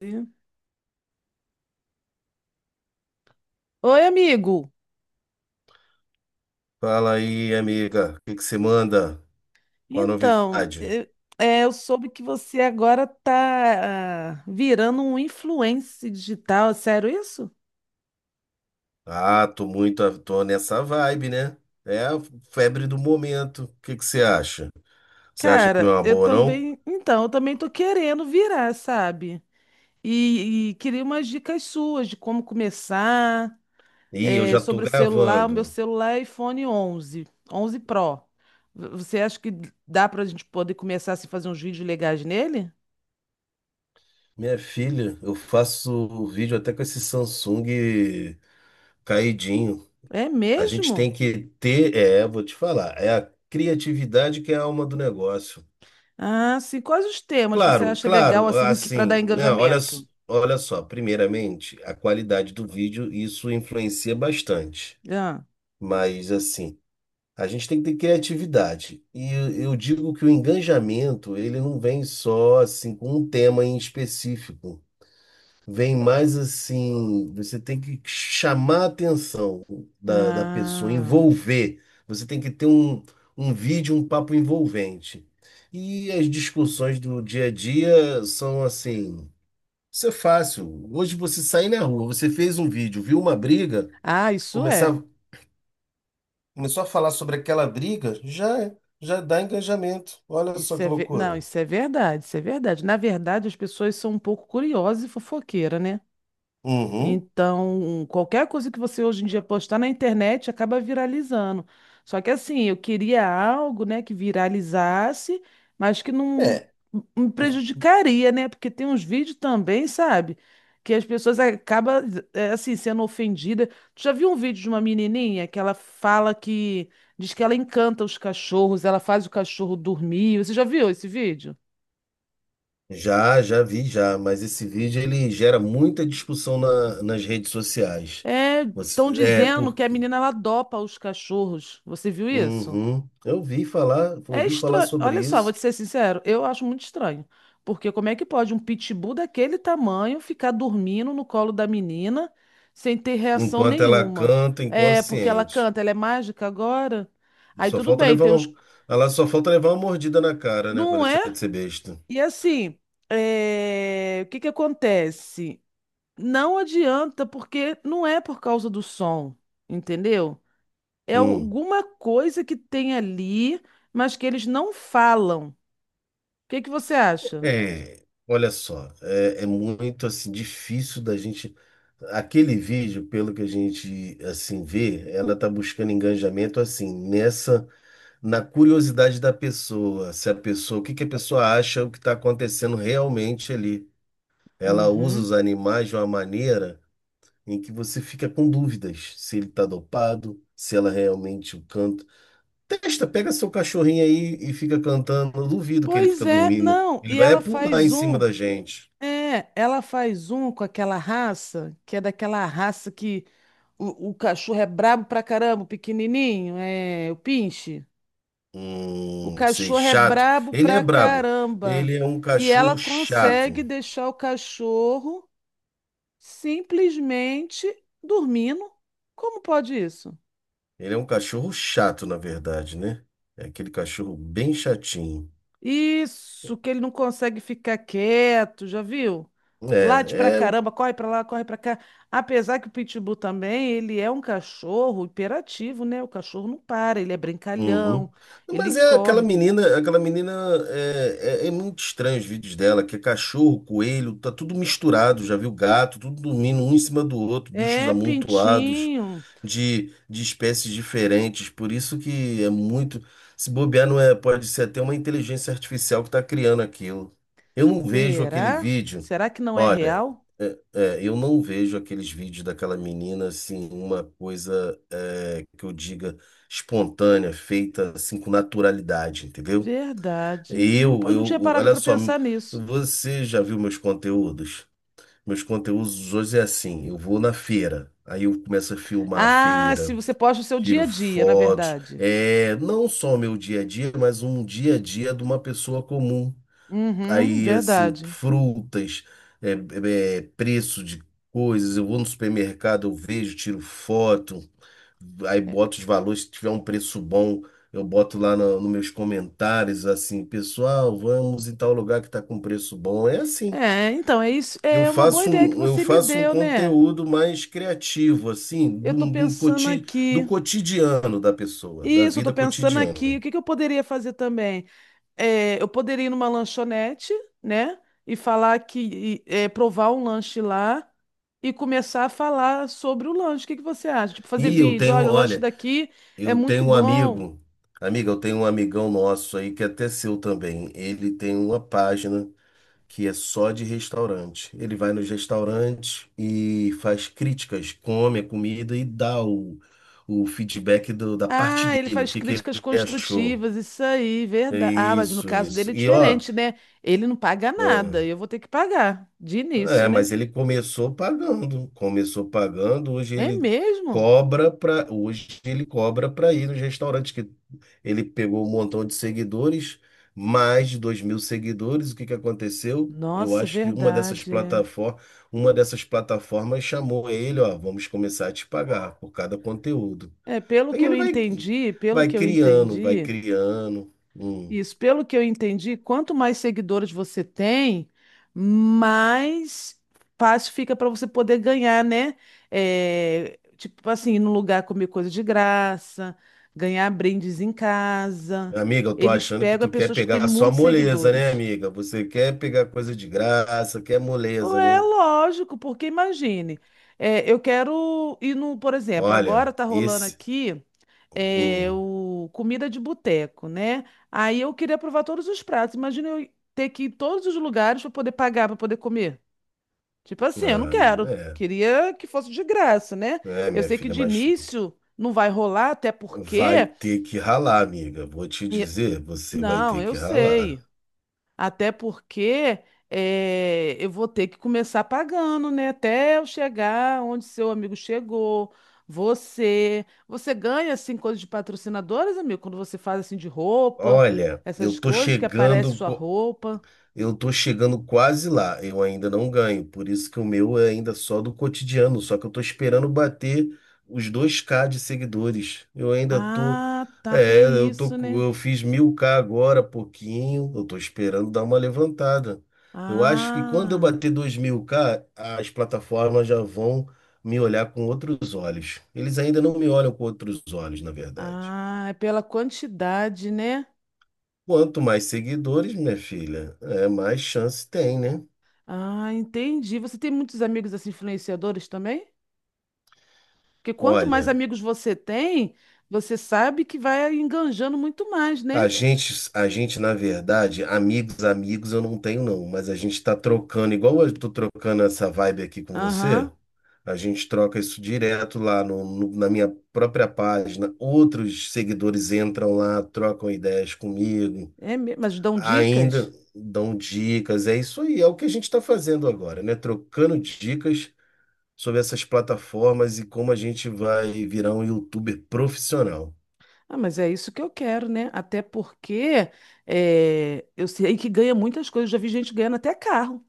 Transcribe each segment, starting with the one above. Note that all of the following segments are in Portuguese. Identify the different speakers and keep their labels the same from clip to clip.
Speaker 1: Oi, amigo.
Speaker 2: Fala aí, amiga. O que que você manda? Qual a
Speaker 1: Então,
Speaker 2: novidade?
Speaker 1: eu soube que você agora tá virando um influencer digital. É sério isso?
Speaker 2: Ah, tô muito, tô nessa vibe, né? É a febre do momento. O que que você acha? Você acha que não
Speaker 1: Cara,
Speaker 2: é uma
Speaker 1: eu
Speaker 2: boa, não?
Speaker 1: também. Então, eu também tô querendo virar, sabe? E queria umas dicas suas de como começar,
Speaker 2: Ih, eu já tô
Speaker 1: sobre celular. O meu
Speaker 2: gravando.
Speaker 1: celular é iPhone 11, 11 Pro. Você acha que dá pra gente poder começar a fazer uns vídeos legais nele?
Speaker 2: Minha filha, eu faço vídeo até com esse Samsung caidinho.
Speaker 1: É
Speaker 2: A gente tem
Speaker 1: mesmo?
Speaker 2: que ter, vou te falar, é a criatividade que é a alma do negócio.
Speaker 1: Ah, sim. Quais os temas você
Speaker 2: Claro,
Speaker 1: acha legal
Speaker 2: claro,
Speaker 1: assim que para dar
Speaker 2: assim, né, olha,
Speaker 1: engajamento?
Speaker 2: olha só, primeiramente, a qualidade do vídeo, isso influencia bastante,
Speaker 1: Ah,
Speaker 2: mas assim, a gente tem que ter criatividade, e eu digo que o engajamento, ele não vem só assim com um tema em específico. Vem mais assim, você tem que chamar a atenção da pessoa,
Speaker 1: ah,
Speaker 2: envolver. Você tem que ter um vídeo, um papo envolvente. E as discussões do dia a dia são assim, isso é fácil. Hoje você sair na rua, você fez um vídeo, viu uma briga,
Speaker 1: ah, isso é.
Speaker 2: começar, começou a falar sobre aquela briga, já, já dá engajamento. Olha só que
Speaker 1: Não,
Speaker 2: loucura.
Speaker 1: isso é verdade, isso é verdade. Na verdade, as pessoas são um pouco curiosas e fofoqueiras, né?
Speaker 2: Uhum.
Speaker 1: Então, qualquer coisa que você hoje em dia postar na internet acaba viralizando. Só que assim, eu queria algo, né, que viralizasse, mas que não
Speaker 2: É.
Speaker 1: me prejudicaria, né? Porque tem uns vídeos também, sabe? Que as pessoas acabam, assim, sendo ofendidas. Tu já viu um vídeo de uma menininha que ela fala que... Diz que ela encanta os cachorros, ela faz o cachorro dormir. Você já viu esse vídeo?
Speaker 2: Já, já vi já, mas esse vídeo ele gera muita discussão nas redes sociais.
Speaker 1: É, estão
Speaker 2: É,
Speaker 1: dizendo que a
Speaker 2: porque.
Speaker 1: menina, ela dopa os cachorros. Você viu isso?
Speaker 2: Uhum, eu ouvi falar,
Speaker 1: É
Speaker 2: ouvi falar
Speaker 1: estranho.
Speaker 2: sobre
Speaker 1: Olha só, vou
Speaker 2: isso.
Speaker 1: te ser sincero, eu acho muito estranho. Porque como é que pode um pitbull daquele tamanho ficar dormindo no colo da menina sem ter reação
Speaker 2: Enquanto ela
Speaker 1: nenhuma?
Speaker 2: canta
Speaker 1: É, porque ela
Speaker 2: inconsciente.
Speaker 1: canta, ela é mágica agora? Aí
Speaker 2: Só
Speaker 1: tudo
Speaker 2: falta
Speaker 1: bem,
Speaker 2: levar
Speaker 1: tem uns.
Speaker 2: um, ela só falta levar uma mordida na cara, né, para
Speaker 1: Não
Speaker 2: deixar
Speaker 1: é?
Speaker 2: de ser besta.
Speaker 1: E assim, é, o que que acontece? Não adianta, porque não é por causa do som, entendeu? É
Speaker 2: Hum.
Speaker 1: alguma coisa que tem ali, mas que eles não falam. O que que você acha?
Speaker 2: Olha só, é muito assim difícil da gente. Aquele vídeo, pelo que a gente assim vê, ela tá buscando engajamento assim nessa na curiosidade da pessoa, se a pessoa, o que que a pessoa acha o que está acontecendo realmente ali. Ela usa
Speaker 1: Uhum.
Speaker 2: os animais de uma maneira em que você fica com dúvidas se ele está dopado, se ela realmente o canta. Testa, pega seu cachorrinho aí e fica cantando. Eu duvido que ele
Speaker 1: Pois
Speaker 2: fica
Speaker 1: é,
Speaker 2: dormindo.
Speaker 1: não.
Speaker 2: Ele
Speaker 1: E
Speaker 2: vai é
Speaker 1: ela
Speaker 2: pular em
Speaker 1: faz
Speaker 2: cima
Speaker 1: um.
Speaker 2: da gente.
Speaker 1: É, ela faz um com aquela raça, que é daquela raça que o cachorro é brabo pra caramba, o pequenininho, é, o pinche. O
Speaker 2: Sei,
Speaker 1: cachorro é
Speaker 2: chato.
Speaker 1: brabo
Speaker 2: Ele é
Speaker 1: pra
Speaker 2: brabo.
Speaker 1: caramba.
Speaker 2: Ele é um
Speaker 1: E ela
Speaker 2: cachorro
Speaker 1: consegue
Speaker 2: chato.
Speaker 1: deixar o cachorro simplesmente dormindo. Como pode isso?
Speaker 2: Ele é um cachorro chato, na verdade, né? É aquele cachorro bem chatinho.
Speaker 1: Isso, que ele não consegue ficar quieto, já viu? Late pra
Speaker 2: É, é, o-
Speaker 1: caramba, corre pra lá, corre pra cá. Apesar que o Pitbull também, ele é um cachorro hiperativo, né? O cachorro não para, ele é
Speaker 2: uhum.
Speaker 1: brincalhão, ele
Speaker 2: Mas é aquela
Speaker 1: corre.
Speaker 2: menina, aquela menina é muito estranho os vídeos dela, que é cachorro, coelho, tá tudo misturado, já viu gato, tudo dormindo um em cima do outro, bichos
Speaker 1: É,
Speaker 2: amontoados
Speaker 1: Pintinho.
Speaker 2: de espécies diferentes, por isso que é muito, se bobear não é, pode ser até uma inteligência artificial que tá criando aquilo. Eu não vejo aquele
Speaker 1: Será?
Speaker 2: vídeo.
Speaker 1: Será que não é
Speaker 2: Ó,
Speaker 1: real?
Speaker 2: É, eu não vejo aqueles vídeos daquela menina assim, uma coisa é, que eu diga espontânea, feita assim com naturalidade, entendeu?
Speaker 1: Verdade. Não, não tinha parado
Speaker 2: Olha
Speaker 1: pra
Speaker 2: só,
Speaker 1: pensar nisso.
Speaker 2: você já viu meus conteúdos? Meus conteúdos hoje é assim, eu vou na feira, aí eu começo a filmar a
Speaker 1: Ah, se
Speaker 2: feira,
Speaker 1: você posta o seu dia
Speaker 2: tiro
Speaker 1: a dia, na
Speaker 2: fotos,
Speaker 1: verdade.
Speaker 2: não só o meu dia a dia, mas um dia a dia de uma pessoa comum
Speaker 1: Uhum,
Speaker 2: aí assim,
Speaker 1: verdade.
Speaker 2: frutas, preço de coisas. Eu vou no supermercado, eu vejo, tiro foto, aí boto os valores. Se tiver um preço bom, eu boto lá no, nos meus comentários, assim, pessoal, vamos em tal lugar que está com preço bom. É assim.
Speaker 1: É, então, é isso.
Speaker 2: Eu
Speaker 1: É uma boa
Speaker 2: faço
Speaker 1: ideia que
Speaker 2: um, eu
Speaker 1: você me
Speaker 2: faço um
Speaker 1: deu, né?
Speaker 2: conteúdo mais criativo, assim,
Speaker 1: Eu tô pensando
Speaker 2: do
Speaker 1: aqui.
Speaker 2: cotidiano da pessoa, da
Speaker 1: Isso, eu tô
Speaker 2: vida
Speaker 1: pensando aqui. O
Speaker 2: cotidiana.
Speaker 1: que que eu poderia fazer também? É, eu poderia ir numa lanchonete, né? E falar que, e, provar um lanche lá e começar a falar sobre o lanche. O que que você acha? Tipo, fazer
Speaker 2: E eu
Speaker 1: vídeo.
Speaker 2: tenho,
Speaker 1: Olha, o lanche
Speaker 2: olha.
Speaker 1: daqui é
Speaker 2: Eu
Speaker 1: muito
Speaker 2: tenho um
Speaker 1: bom.
Speaker 2: amigo, amiga, eu tenho um amigão nosso aí que é até seu também. Ele tem uma página que é só de restaurante. Ele vai nos restaurantes e faz críticas, come a comida e dá o feedback da parte
Speaker 1: Ah, ele
Speaker 2: dele, o
Speaker 1: faz
Speaker 2: que que ele
Speaker 1: críticas
Speaker 2: achou.
Speaker 1: construtivas, isso aí,
Speaker 2: É,
Speaker 1: verdade. Ah, mas no
Speaker 2: isso,
Speaker 1: caso dele
Speaker 2: isso.
Speaker 1: é
Speaker 2: E ó,
Speaker 1: diferente, né? Ele não paga nada,
Speaker 2: ah,
Speaker 1: eu vou ter que pagar de início,
Speaker 2: é,
Speaker 1: né?
Speaker 2: mas ele começou pagando,
Speaker 1: É mesmo?
Speaker 2: hoje ele cobra para ir nos restaurantes que ele pegou um montão de seguidores, mais de 2.000 seguidores. O que que aconteceu? Eu
Speaker 1: Nossa,
Speaker 2: acho que uma dessas
Speaker 1: verdade, é.
Speaker 2: plataformas, uma dessas plataformas chamou ele, ó, vamos começar a te pagar por cada conteúdo.
Speaker 1: É, pelo
Speaker 2: Aí
Speaker 1: que eu
Speaker 2: ele vai,
Speaker 1: entendi, pelo
Speaker 2: vai
Speaker 1: que eu
Speaker 2: criando, vai
Speaker 1: entendi,
Speaker 2: criando.
Speaker 1: isso, pelo que eu entendi, quanto mais seguidores você tem, mais fácil fica para você poder ganhar, né? É, tipo assim, ir no lugar comer coisa de graça, ganhar brindes em casa.
Speaker 2: Amiga, eu tô
Speaker 1: Eles
Speaker 2: achando que
Speaker 1: pegam
Speaker 2: tu quer
Speaker 1: pessoas que têm
Speaker 2: pegar só
Speaker 1: muitos
Speaker 2: moleza, né,
Speaker 1: seguidores.
Speaker 2: amiga? Você quer pegar coisa de graça, quer moleza,
Speaker 1: É
Speaker 2: né?
Speaker 1: lógico, porque imagine, é, eu quero ir no, por exemplo,
Speaker 2: Olha,
Speaker 1: agora tá rolando
Speaker 2: esse.
Speaker 1: aqui
Speaker 2: Hum,
Speaker 1: o comida de boteco, né? Aí eu queria provar todos os pratos. Imagina eu ter que ir em todos os lugares para poder pagar, para poder comer. Tipo assim, eu não
Speaker 2: ah,
Speaker 1: quero.
Speaker 2: é,
Speaker 1: Queria que fosse de graça, né? Eu
Speaker 2: minha
Speaker 1: sei que
Speaker 2: filha,
Speaker 1: de
Speaker 2: mas
Speaker 1: início não vai rolar, até
Speaker 2: vai
Speaker 1: porque.
Speaker 2: ter que ralar, amiga. Vou te
Speaker 1: e-
Speaker 2: dizer, você vai
Speaker 1: Não,
Speaker 2: ter
Speaker 1: eu
Speaker 2: que ralar.
Speaker 1: sei. Até porque eu vou ter que começar pagando, né? Até eu chegar onde seu amigo chegou. Você ganha assim coisas de patrocinadores, amigo, quando você faz assim de roupa,
Speaker 2: Olha,
Speaker 1: essas coisas que aparece sua roupa.
Speaker 2: Eu tô chegando quase lá, eu ainda não ganho, por isso que o meu é ainda só do cotidiano, só que eu tô esperando bater os 2K de seguidores. Eu ainda tô,
Speaker 1: Ah, tá,
Speaker 2: é,
Speaker 1: tem
Speaker 2: eu tô,
Speaker 1: isso,
Speaker 2: com-
Speaker 1: né?
Speaker 2: Eu fiz mil k agora, pouquinho, eu tô esperando dar uma levantada. Eu acho que quando eu
Speaker 1: Ah,
Speaker 2: bater dois mil k as plataformas já vão me olhar com outros olhos. Eles ainda não me olham com outros olhos, na verdade.
Speaker 1: ah, é pela quantidade, né?
Speaker 2: Quanto mais seguidores, minha filha, é mais chance tem, né?
Speaker 1: Ah, entendi. Você tem muitos amigos assim influenciadores também? Porque quanto mais
Speaker 2: Olha,
Speaker 1: amigos você tem, você sabe que vai enganjando muito mais,
Speaker 2: A
Speaker 1: né?
Speaker 2: gente, a gente, na verdade, amigos, amigos eu não tenho não, mas a gente tá trocando, igual eu tô trocando essa vibe aqui com você,
Speaker 1: Aham.
Speaker 2: a gente troca isso direto lá na minha própria página. Outros seguidores entram lá, trocam ideias comigo,
Speaker 1: É, mas dão dicas?
Speaker 2: ainda dão dicas. É isso aí, é o que a gente está fazendo agora, né? Trocando dicas sobre essas plataformas e como a gente vai virar um youtuber profissional.
Speaker 1: Ah, mas é isso que eu quero, né? Até porque eu sei que ganha muitas coisas. Já vi gente ganhando até carro,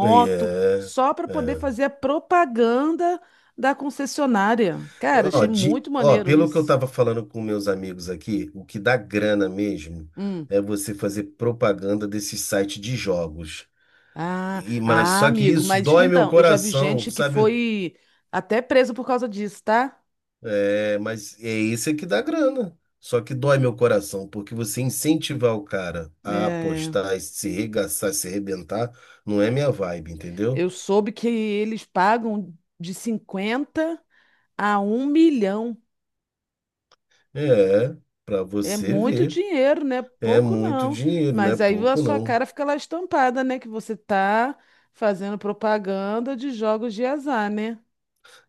Speaker 2: E É,
Speaker 1: só para poder
Speaker 2: é.
Speaker 1: fazer a propaganda da concessionária. Cara,
Speaker 2: Ó,
Speaker 1: achei
Speaker 2: de,
Speaker 1: muito
Speaker 2: ó,
Speaker 1: maneiro
Speaker 2: pelo que eu
Speaker 1: isso.
Speaker 2: estava falando com meus amigos aqui, o que dá grana mesmo
Speaker 1: Hum.
Speaker 2: é você fazer propaganda desse site de jogos.
Speaker 1: Ah,
Speaker 2: Mas
Speaker 1: ah,
Speaker 2: só que
Speaker 1: amigo,
Speaker 2: isso
Speaker 1: mas
Speaker 2: dói meu
Speaker 1: então, eu já vi
Speaker 2: coração,
Speaker 1: gente que
Speaker 2: sabe?
Speaker 1: foi até presa por causa disso, tá?
Speaker 2: É, mas é esse que dá grana. Só que dói meu coração, porque você incentivar o cara a
Speaker 1: É.
Speaker 2: apostar, e se regaçar, se arrebentar, não é minha vibe, entendeu?
Speaker 1: Eu soube que eles pagam de 50 a 1 milhão.
Speaker 2: É, pra
Speaker 1: É
Speaker 2: você
Speaker 1: muito
Speaker 2: ver.
Speaker 1: dinheiro, né?
Speaker 2: É
Speaker 1: Pouco
Speaker 2: muito
Speaker 1: não.
Speaker 2: dinheiro, não é
Speaker 1: Mas aí a
Speaker 2: pouco
Speaker 1: sua
Speaker 2: não.
Speaker 1: cara fica lá estampada, né? Que você tá fazendo propaganda de jogos de azar, né?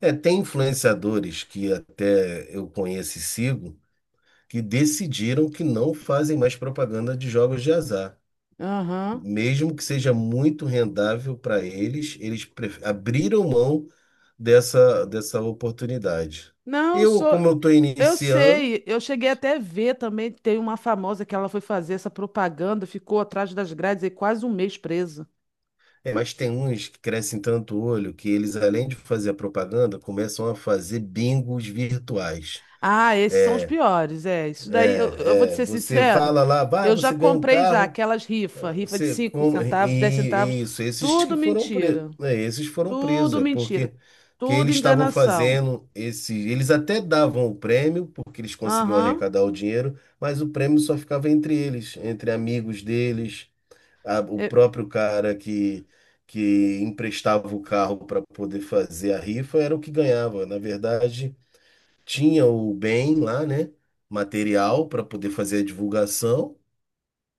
Speaker 2: É, tem influenciadores que até eu conheço e sigo que decidiram que não fazem mais propaganda de jogos de azar.
Speaker 1: Aham.
Speaker 2: Mesmo que seja muito rendável para eles, eles abriram mão dessa oportunidade.
Speaker 1: Não, eu
Speaker 2: Eu,
Speaker 1: sou.
Speaker 2: como eu estou
Speaker 1: Eu
Speaker 2: iniciando,
Speaker 1: sei, eu cheguei até a ver também, tem uma famosa que ela foi fazer essa propaganda, ficou atrás das grades e quase um mês presa.
Speaker 2: mas tem uns que crescem tanto o olho que eles, além de fazer a propaganda, começam a fazer bingos virtuais.
Speaker 1: Ah, esses são os
Speaker 2: É,
Speaker 1: piores, é. Isso daí, eu vou te
Speaker 2: é, é.
Speaker 1: ser
Speaker 2: Você
Speaker 1: sincero,
Speaker 2: fala lá, "Bah,
Speaker 1: eu já
Speaker 2: você ganha um
Speaker 1: comprei já
Speaker 2: carro.
Speaker 1: aquelas rifas, rifa de
Speaker 2: Você,
Speaker 1: 5
Speaker 2: e,
Speaker 1: centavos, 10 centavos,
Speaker 2: e isso, esses
Speaker 1: tudo
Speaker 2: que foram presos,
Speaker 1: mentira,
Speaker 2: esses foram presos,
Speaker 1: tudo
Speaker 2: é
Speaker 1: mentira,
Speaker 2: porque que
Speaker 1: tudo
Speaker 2: eles estavam
Speaker 1: enganação.
Speaker 2: fazendo eles até davam o prêmio porque eles conseguiam
Speaker 1: Aham,
Speaker 2: arrecadar o dinheiro, mas o prêmio só ficava entre eles, entre amigos deles, o
Speaker 1: é,
Speaker 2: próprio cara que emprestava o carro para poder fazer a rifa era o que ganhava. Na verdade, tinha o bem lá, né, material para poder fazer a divulgação,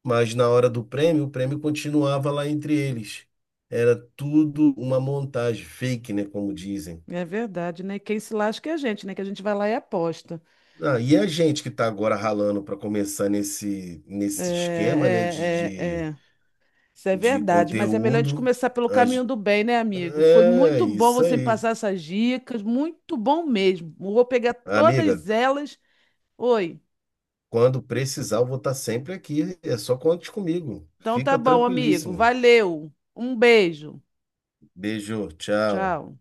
Speaker 2: mas na hora do prêmio, o prêmio continuava lá entre eles. Era tudo uma montagem fake, né, como dizem.
Speaker 1: é verdade, né? Quem se lasca é a gente, né? Que a gente vai lá e aposta.
Speaker 2: Ah, e a gente que está agora ralando para começar nesse esquema, né,
Speaker 1: É, é, é,
Speaker 2: de,
Speaker 1: é. Isso é
Speaker 2: de
Speaker 1: verdade, mas é melhor a gente
Speaker 2: conteúdo,
Speaker 1: começar pelo
Speaker 2: a
Speaker 1: caminho
Speaker 2: gen-
Speaker 1: do bem, né, amigo? Foi
Speaker 2: é
Speaker 1: muito bom
Speaker 2: isso
Speaker 1: você me
Speaker 2: aí.
Speaker 1: passar essas dicas, muito bom mesmo. Vou pegar
Speaker 2: Amiga,
Speaker 1: todas elas. Oi.
Speaker 2: quando precisar, eu vou estar sempre aqui. É só conte comigo.
Speaker 1: Então tá
Speaker 2: Fica
Speaker 1: bom, amigo.
Speaker 2: tranquilíssimo.
Speaker 1: Valeu. Um beijo.
Speaker 2: Beijo, tchau.
Speaker 1: Tchau.